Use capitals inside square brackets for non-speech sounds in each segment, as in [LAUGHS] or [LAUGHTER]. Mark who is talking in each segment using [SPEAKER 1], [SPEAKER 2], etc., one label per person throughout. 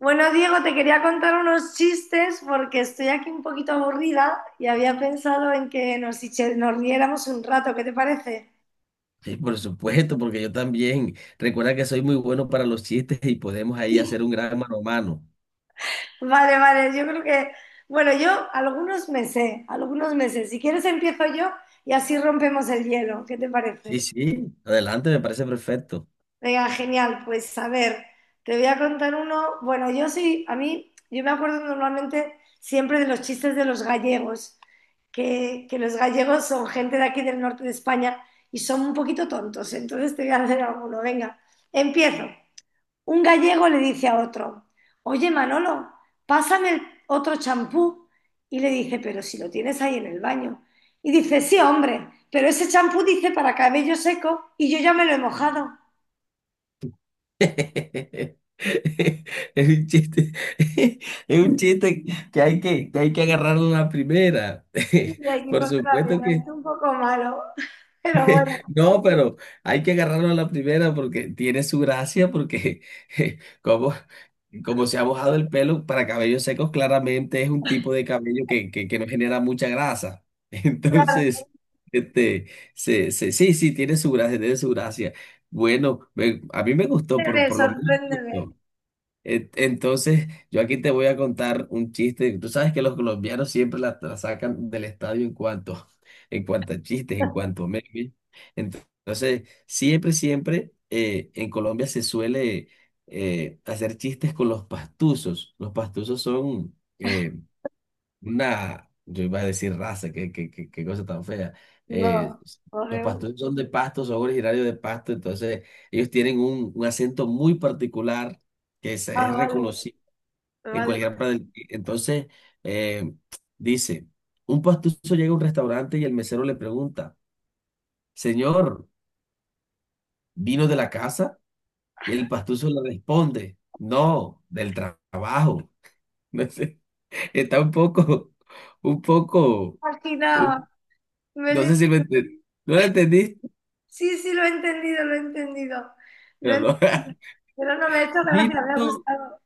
[SPEAKER 1] Bueno, Diego, te quería contar unos chistes porque estoy aquí un poquito aburrida y había pensado en que nos riéramos un rato, ¿qué te parece?
[SPEAKER 2] Sí, por supuesto, porque yo también. Recuerda que soy muy bueno para los chistes y podemos ahí hacer un gran mano a mano.
[SPEAKER 1] Vale, yo creo que, bueno, yo algunos meses. Si quieres empiezo yo y así rompemos el hielo, ¿qué te parece?
[SPEAKER 2] Sí, sí, adelante, me parece perfecto.
[SPEAKER 1] Venga, genial. Pues a ver, te voy a contar uno. Bueno, yo sí, a mí, yo me acuerdo normalmente siempre de los chistes de los gallegos, que los gallegos son gente de aquí del norte de España y son un poquito tontos. Entonces te voy a hacer alguno. Venga, empiezo. Un gallego le dice a otro, oye Manolo, pásame el otro champú. Y le dice, pero si lo tienes ahí en el baño. Y dice, sí, hombre, pero ese champú dice para cabello seco y yo ya me lo he mojado.
[SPEAKER 2] [LAUGHS] Es un chiste, [LAUGHS] es un chiste que hay que hay que agarrarlo a la primera.
[SPEAKER 1] Y hay
[SPEAKER 2] [LAUGHS]
[SPEAKER 1] que
[SPEAKER 2] Por supuesto.
[SPEAKER 1] contarlo, es un poco malo, [LAUGHS] pero bueno,
[SPEAKER 2] No, pero hay que agarrarlo a la primera porque tiene su gracia, porque [LAUGHS] como, como se ha mojado el pelo para cabellos secos, claramente es un tipo de cabello que no genera mucha grasa. [LAUGHS]
[SPEAKER 1] claro,
[SPEAKER 2] Entonces, este, sí, sí, tiene su gracia, tiene su gracia. Bueno, a mí me gustó,
[SPEAKER 1] sorpréndeme,
[SPEAKER 2] por lo
[SPEAKER 1] sorpréndeme.
[SPEAKER 2] menos. Entonces, yo aquí te voy a contar un chiste. Tú sabes que los colombianos siempre la sacan del estadio en cuanto a chistes, en cuanto a memes. Entonces, siempre en Colombia se suele hacer chistes con los pastuzos. Los pastuzos son una, yo iba a decir raza, qué cosa tan fea. Eh,
[SPEAKER 1] No,
[SPEAKER 2] los
[SPEAKER 1] horrible.
[SPEAKER 2] pastores son de Pasto, son originarios de Pasto, entonces ellos tienen un acento muy particular que
[SPEAKER 1] Ah,
[SPEAKER 2] es
[SPEAKER 1] vale,
[SPEAKER 2] reconocido en
[SPEAKER 1] vale.
[SPEAKER 2] cualquier parte del... Entonces, eh, dice, un pastuso llega a un restaurante y el mesero le pregunta, señor, ¿vino de la casa? Y el pastuso le responde, no, del trabajo. [LAUGHS] No sé, está un poco...
[SPEAKER 1] Imaginaba. me
[SPEAKER 2] No sé
[SPEAKER 1] lo-
[SPEAKER 2] si lo entendí. ¿No lo entendiste?
[SPEAKER 1] Sí, sí, lo he entendido. Lo he
[SPEAKER 2] Pero no.
[SPEAKER 1] entendido. Pero no me ha
[SPEAKER 2] [LAUGHS]
[SPEAKER 1] hecho gracia, me ha
[SPEAKER 2] Vino,
[SPEAKER 1] gustado.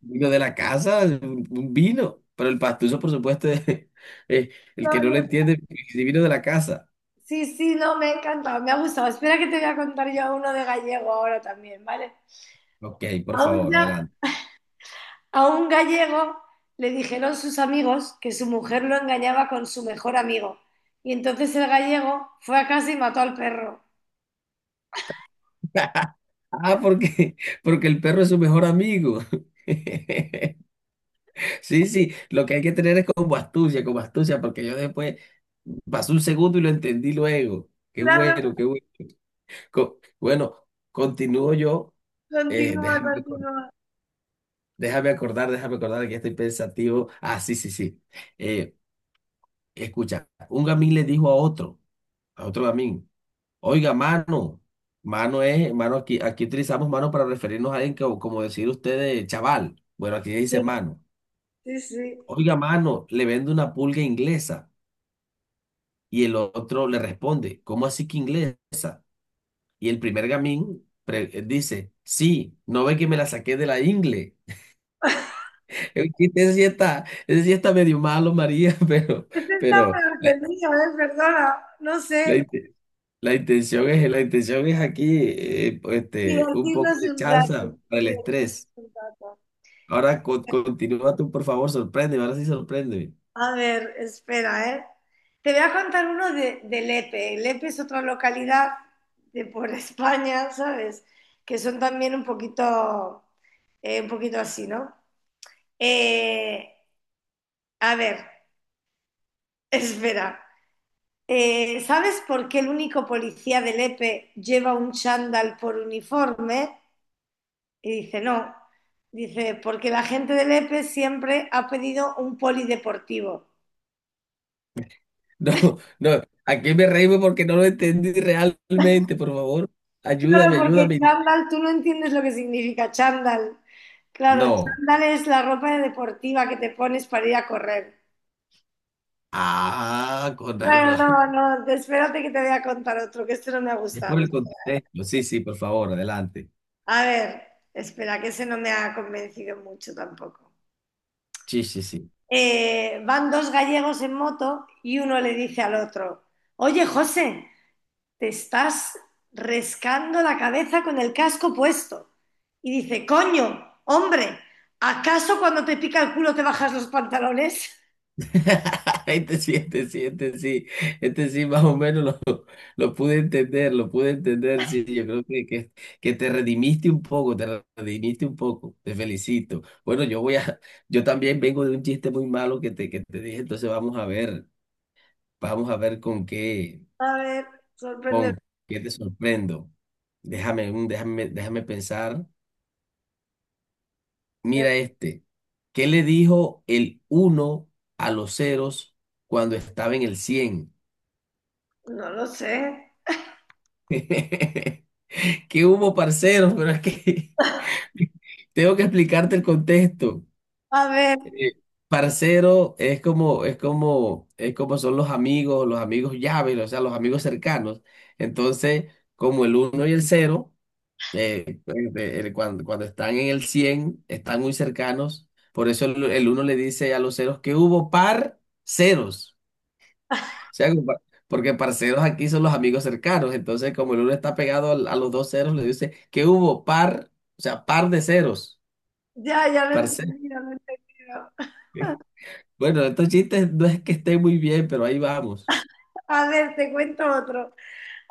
[SPEAKER 2] vino de la casa, un vino. Pero el pastuso, por supuesto, es el que
[SPEAKER 1] No,
[SPEAKER 2] no
[SPEAKER 1] no,
[SPEAKER 2] lo
[SPEAKER 1] no.
[SPEAKER 2] entiende, si vino de la casa.
[SPEAKER 1] Sí, sí, no, me ha encantado, me ha gustado. Espera que te voy a contar yo uno de gallego ahora también, ¿vale?
[SPEAKER 2] Ok, por
[SPEAKER 1] Aún
[SPEAKER 2] favor,
[SPEAKER 1] ya
[SPEAKER 2] adelante.
[SPEAKER 1] A un gallego le dijeron sus amigos que su mujer lo engañaba con su mejor amigo. Y entonces el gallego fue a casa y mató al perro.
[SPEAKER 2] [LAUGHS] Ah, porque, porque el perro es su mejor amigo. [LAUGHS] Sí, sí, lo que hay que tener es como astucia, porque yo después pasó un segundo y lo entendí luego. Qué
[SPEAKER 1] Claro,
[SPEAKER 2] bueno, qué bueno. Bueno, continúo yo. Eh,
[SPEAKER 1] continúa,
[SPEAKER 2] déjame.
[SPEAKER 1] continúa.
[SPEAKER 2] Déjame acordar que ya estoy pensativo. Ah, sí, sí, sí. Eh, Escucha, un gamín le dijo a otro gamín, oiga, mano. Mano es, mano, aquí, aquí utilizamos mano para referirnos a alguien que, como decir ustedes, chaval. Bueno, aquí dice
[SPEAKER 1] Sí,
[SPEAKER 2] mano.
[SPEAKER 1] sí, sí.
[SPEAKER 2] Oiga, mano, le vende una pulga inglesa. Y el otro le responde, ¿cómo así que inglés? Y el primer gamín dice, sí, no ve que me la saqué de la ingle. [LAUGHS] Ese sí está medio malo, María, [LAUGHS] pero,
[SPEAKER 1] Este está
[SPEAKER 2] pero.
[SPEAKER 1] peor que el mío, ¿eh? Perdona, no
[SPEAKER 2] La,
[SPEAKER 1] sé.
[SPEAKER 2] inte- la intención es, la intención es aquí pues, este, un poco
[SPEAKER 1] Divertirnos
[SPEAKER 2] de
[SPEAKER 1] un rato.
[SPEAKER 2] salsa para el
[SPEAKER 1] Divertirnos
[SPEAKER 2] estrés.
[SPEAKER 1] un rato.
[SPEAKER 2] Ahora continúa tú, por favor, sorpréndeme, ahora sí sorpréndeme. [LAUGHS]
[SPEAKER 1] A ver, espera, ¿eh? Te voy a contar uno de Lepe. Lepe es otra localidad de por [LAUGHS] España, ¿sabes? Que son también un poquito así, ¿no? Eh, a ver, [LAUGHS] espera. ¿Sabes por qué el único policía de Lepe lleva un chándal por uniforme? Y dice, no. Dice, porque la gente de Lepe siempre ha pedido un polideportivo.
[SPEAKER 2] No, no, aquí me reíme porque no lo entendí realmente, por favor. Ayúdame,
[SPEAKER 1] Claro, porque
[SPEAKER 2] ayúdame.
[SPEAKER 1] chándal, tú no entiendes lo que significa chándal. Claro,
[SPEAKER 2] No.
[SPEAKER 1] chándal es la ropa deportiva que te pones para ir a correr.
[SPEAKER 2] Ah, con
[SPEAKER 1] Bueno, no,
[SPEAKER 2] razón.
[SPEAKER 1] no, espérate que te voy a contar otro, que este no me ha
[SPEAKER 2] [LAUGHS] Es
[SPEAKER 1] gustado.
[SPEAKER 2] por el contexto. Sí, sí, por favor, adelante.
[SPEAKER 1] A ver, espera, que ese no me ha convencido mucho tampoco.
[SPEAKER 2] Sí, sí, sí.
[SPEAKER 1] Van dos gallegos en moto y uno le dice al otro, oye, José, te estás rescando la cabeza con el casco puesto. Y dice, coño, hombre, ¿acaso cuando te pica el culo te bajas los pantalones?
[SPEAKER 2] [LAUGHS] Este sí, este sí, este sí. Este sí, más o menos lo pude entender, lo pude entender, sí, yo creo que te redimiste un poco, te redimiste un poco, te felicito. Bueno, yo voy a, [LAUGHS] yo también vengo de un chiste muy malo que te dije, entonces vamos a ver
[SPEAKER 1] A ver, sorprende.
[SPEAKER 2] con qué te sorprendo. Déjame, déjame pensar. Mira este, ¿qué le dijo el uno a los ceros cuando estaba en el cien?
[SPEAKER 1] No lo sé.
[SPEAKER 2] [LAUGHS] ¿Qué hubo, parceros? Pero es que... Tengo que explicarte el contexto.
[SPEAKER 1] A ver,
[SPEAKER 2] Eh, Parcero es como, es como, es como son los amigos llaves, o sea, los amigos cercanos. Entonces, como el uno y el cero, cuando, cuando están en el 100 están muy cercanos. Por eso el uno le dice a los ceros que hubo par ceros. O sea, como porque parceros aquí son los amigos cercanos. Entonces, como el uno está pegado a los dos ceros, le dice que hubo par, o sea, par de ceros.
[SPEAKER 1] ya, ya lo he
[SPEAKER 2] Parcero.
[SPEAKER 1] entendido, lo he entendido.
[SPEAKER 2] [LAUGHS] Bueno, estos chistes no es que estén muy bien, pero ahí vamos.
[SPEAKER 1] A ver, te cuento otro.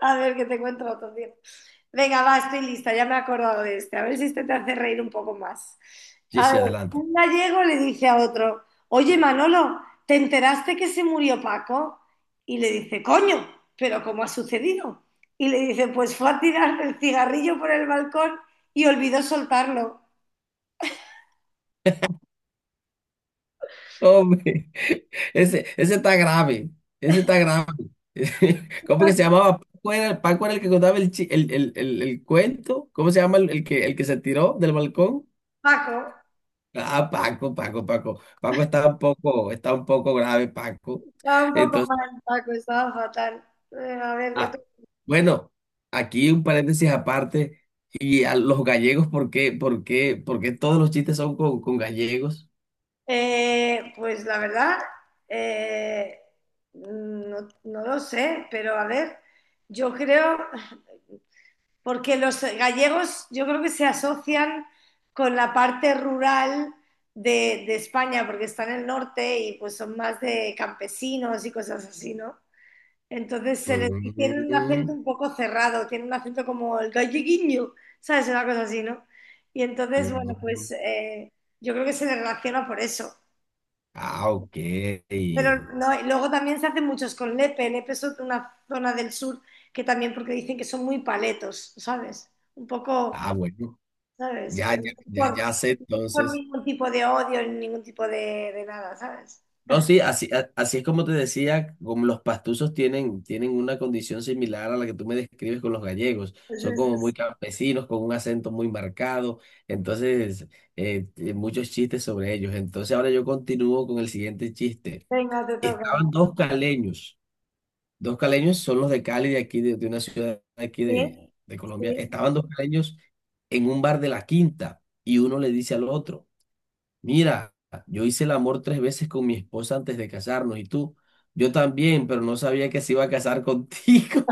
[SPEAKER 1] A ver, que te encuentro otro día. Venga, va, estoy lista, ya me he acordado de este. A ver si este te hace reír un poco más.
[SPEAKER 2] Sí,
[SPEAKER 1] A
[SPEAKER 2] sí,
[SPEAKER 1] ver,
[SPEAKER 2] adelante.
[SPEAKER 1] un gallego le dice a otro, oye Manolo, ¿te enteraste que se murió Paco? Y le dice, coño, pero ¿cómo ha sucedido? Y le dice, pues fue a tirar el cigarrillo por el balcón y olvidó soltarlo.
[SPEAKER 2] Hombre, [LAUGHS] ese está grave. Ese está grave. [LAUGHS] ¿Cómo que se llamaba? Paco era el que contaba el cuento. ¿Cómo se llama el que se tiró del balcón?
[SPEAKER 1] Paco,
[SPEAKER 2] Ah, Paco, Paco, Paco. Paco está un poco grave, Paco.
[SPEAKER 1] estaba un poco
[SPEAKER 2] Entonces,
[SPEAKER 1] mal, Paco, estaba fatal. A ver, de
[SPEAKER 2] ah, bueno, aquí un paréntesis aparte. Y a los gallegos, ¿por por qué todos los chistes son con gallegos?
[SPEAKER 1] Pues la verdad, eh, no, no lo sé, pero a ver, yo creo, porque los gallegos yo creo que se asocian con la parte rural de España, porque está en el norte y pues son más de campesinos y cosas así, ¿no? Entonces se les y tienen un
[SPEAKER 2] Mm,
[SPEAKER 1] acento un poco cerrado, tienen un acento como el galleguinho, ¿sabes? Una cosa así, ¿no? Y entonces, bueno,
[SPEAKER 2] mm.
[SPEAKER 1] pues yo creo que se les relaciona por eso.
[SPEAKER 2] Ah, ok.
[SPEAKER 1] Pero no, y luego también se hacen muchos con Lepe. Una zona del sur que también, porque dicen que son muy paletos, ¿sabes? Un poco,
[SPEAKER 2] Ah, bueno.
[SPEAKER 1] ¿sabes?
[SPEAKER 2] Ya,
[SPEAKER 1] Pero
[SPEAKER 2] ya, ya, ya sé
[SPEAKER 1] no es por
[SPEAKER 2] entonces.
[SPEAKER 1] ningún tipo de odio ni ningún tipo de nada, ¿sabes?
[SPEAKER 2] No, sí, así, así es como te decía, como los pastusos tienen, tienen una condición similar a la que tú me describes con los gallegos. Son
[SPEAKER 1] Entonces,
[SPEAKER 2] como muy
[SPEAKER 1] es-
[SPEAKER 2] campesinos, con un acento muy marcado. Entonces, muchos chistes sobre ellos. Entonces, ahora yo continúo con el siguiente chiste.
[SPEAKER 1] venga, te
[SPEAKER 2] Estaban
[SPEAKER 1] toca.
[SPEAKER 2] dos caleños. Dos caleños son los de Cali, de aquí, de una ciudad de aquí
[SPEAKER 1] Sí,
[SPEAKER 2] de Colombia.
[SPEAKER 1] sí.
[SPEAKER 2] Estaban dos caleños en un bar de la Quinta y uno le dice al otro, mira, yo hice el amor tres veces con mi esposa antes de casarnos. Y tú, yo también, pero no sabía que se iba a casar contigo.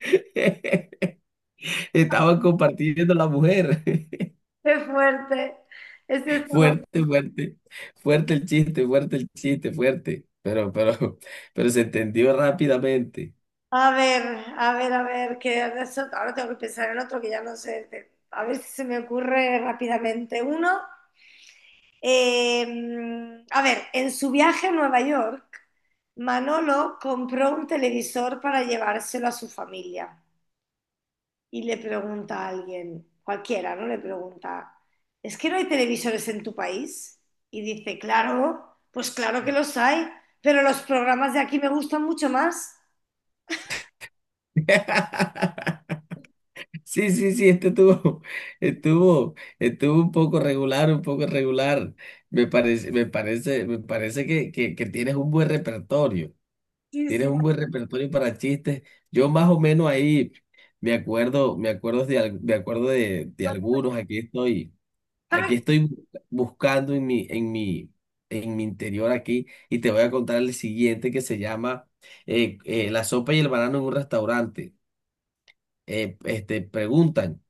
[SPEAKER 2] [LAUGHS] Estaban compartiendo la mujer. [LAUGHS]
[SPEAKER 1] Qué fuerte. Este es todo.
[SPEAKER 2] Fuerte, fuerte, fuerte el chiste, fuerte el chiste, fuerte. Pero se entendió rápidamente.
[SPEAKER 1] A ver, a ver, que ahora tengo que pensar en otro que ya no sé. A ver si se me ocurre rápidamente uno. A ver, en su viaje a Nueva York, Manolo compró un televisor para llevárselo a su familia y le pregunta a alguien, cualquiera, ¿no? Le pregunta, ¿es que no hay televisores en tu país? Y dice, claro, pues claro que los hay, pero los programas de aquí me gustan mucho más.
[SPEAKER 2] [LAUGHS] Sí, sí, sí, este estuvo, [LAUGHS] estuvo, estuvo un poco regular, un poco regular. Me parece, me parece, me parece que tienes un buen repertorio.
[SPEAKER 1] Sí,
[SPEAKER 2] Tienes
[SPEAKER 1] sí.
[SPEAKER 2] un buen repertorio para chistes. Yo más o menos ahí me acuerdo de, me acuerdo de algunos. Aquí estoy buscando en mi, en mi, en mi interior aquí, y te voy a contar el siguiente que se llama la sopa y el banano en un restaurante. Este, preguntan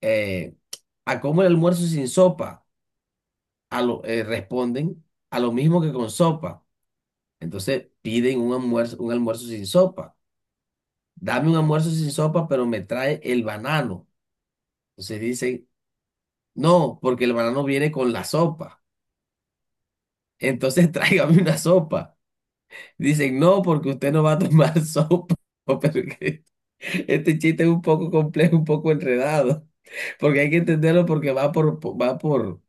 [SPEAKER 2] eh, a cómo el almuerzo sin sopa, a lo, responden a lo mismo que con sopa. Entonces piden un almuerzo sin sopa. Dame un almuerzo sin sopa, pero me trae el banano. Entonces dicen, no, porque el banano viene con la sopa. Entonces [LAUGHS] tráigame una sopa. Dicen, no, porque usted no va a tomar [LAUGHS] sopa. [LAUGHS] Pero que- este chiste es un poco complejo, un poco enredado, porque hay que entenderlo porque va por, va por,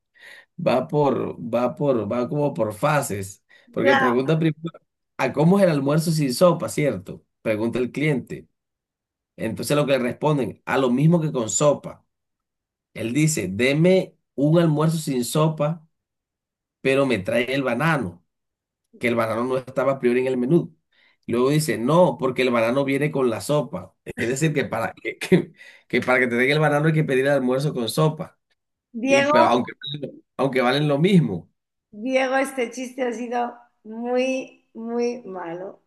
[SPEAKER 2] va por, va por, va como por fases. Porque
[SPEAKER 1] Ya,
[SPEAKER 2] pregunta primero, ¿a cómo es el almuerzo sin sopa, cierto? Pregunta el cliente. Entonces lo que le responden, a lo mismo que con sopa. Él dice, deme un almuerzo sin sopa, pero me trae el banano, que el banano no estaba a priori en el menú. Luego dice, no, porque el banano viene con la sopa. Es decir, que para que para que te den el banano hay que pedir el almuerzo con sopa. Y,
[SPEAKER 1] Diego,
[SPEAKER 2] pero aunque, aunque valen lo mismo.
[SPEAKER 1] Diego, este chiste ha sido muy, muy malo.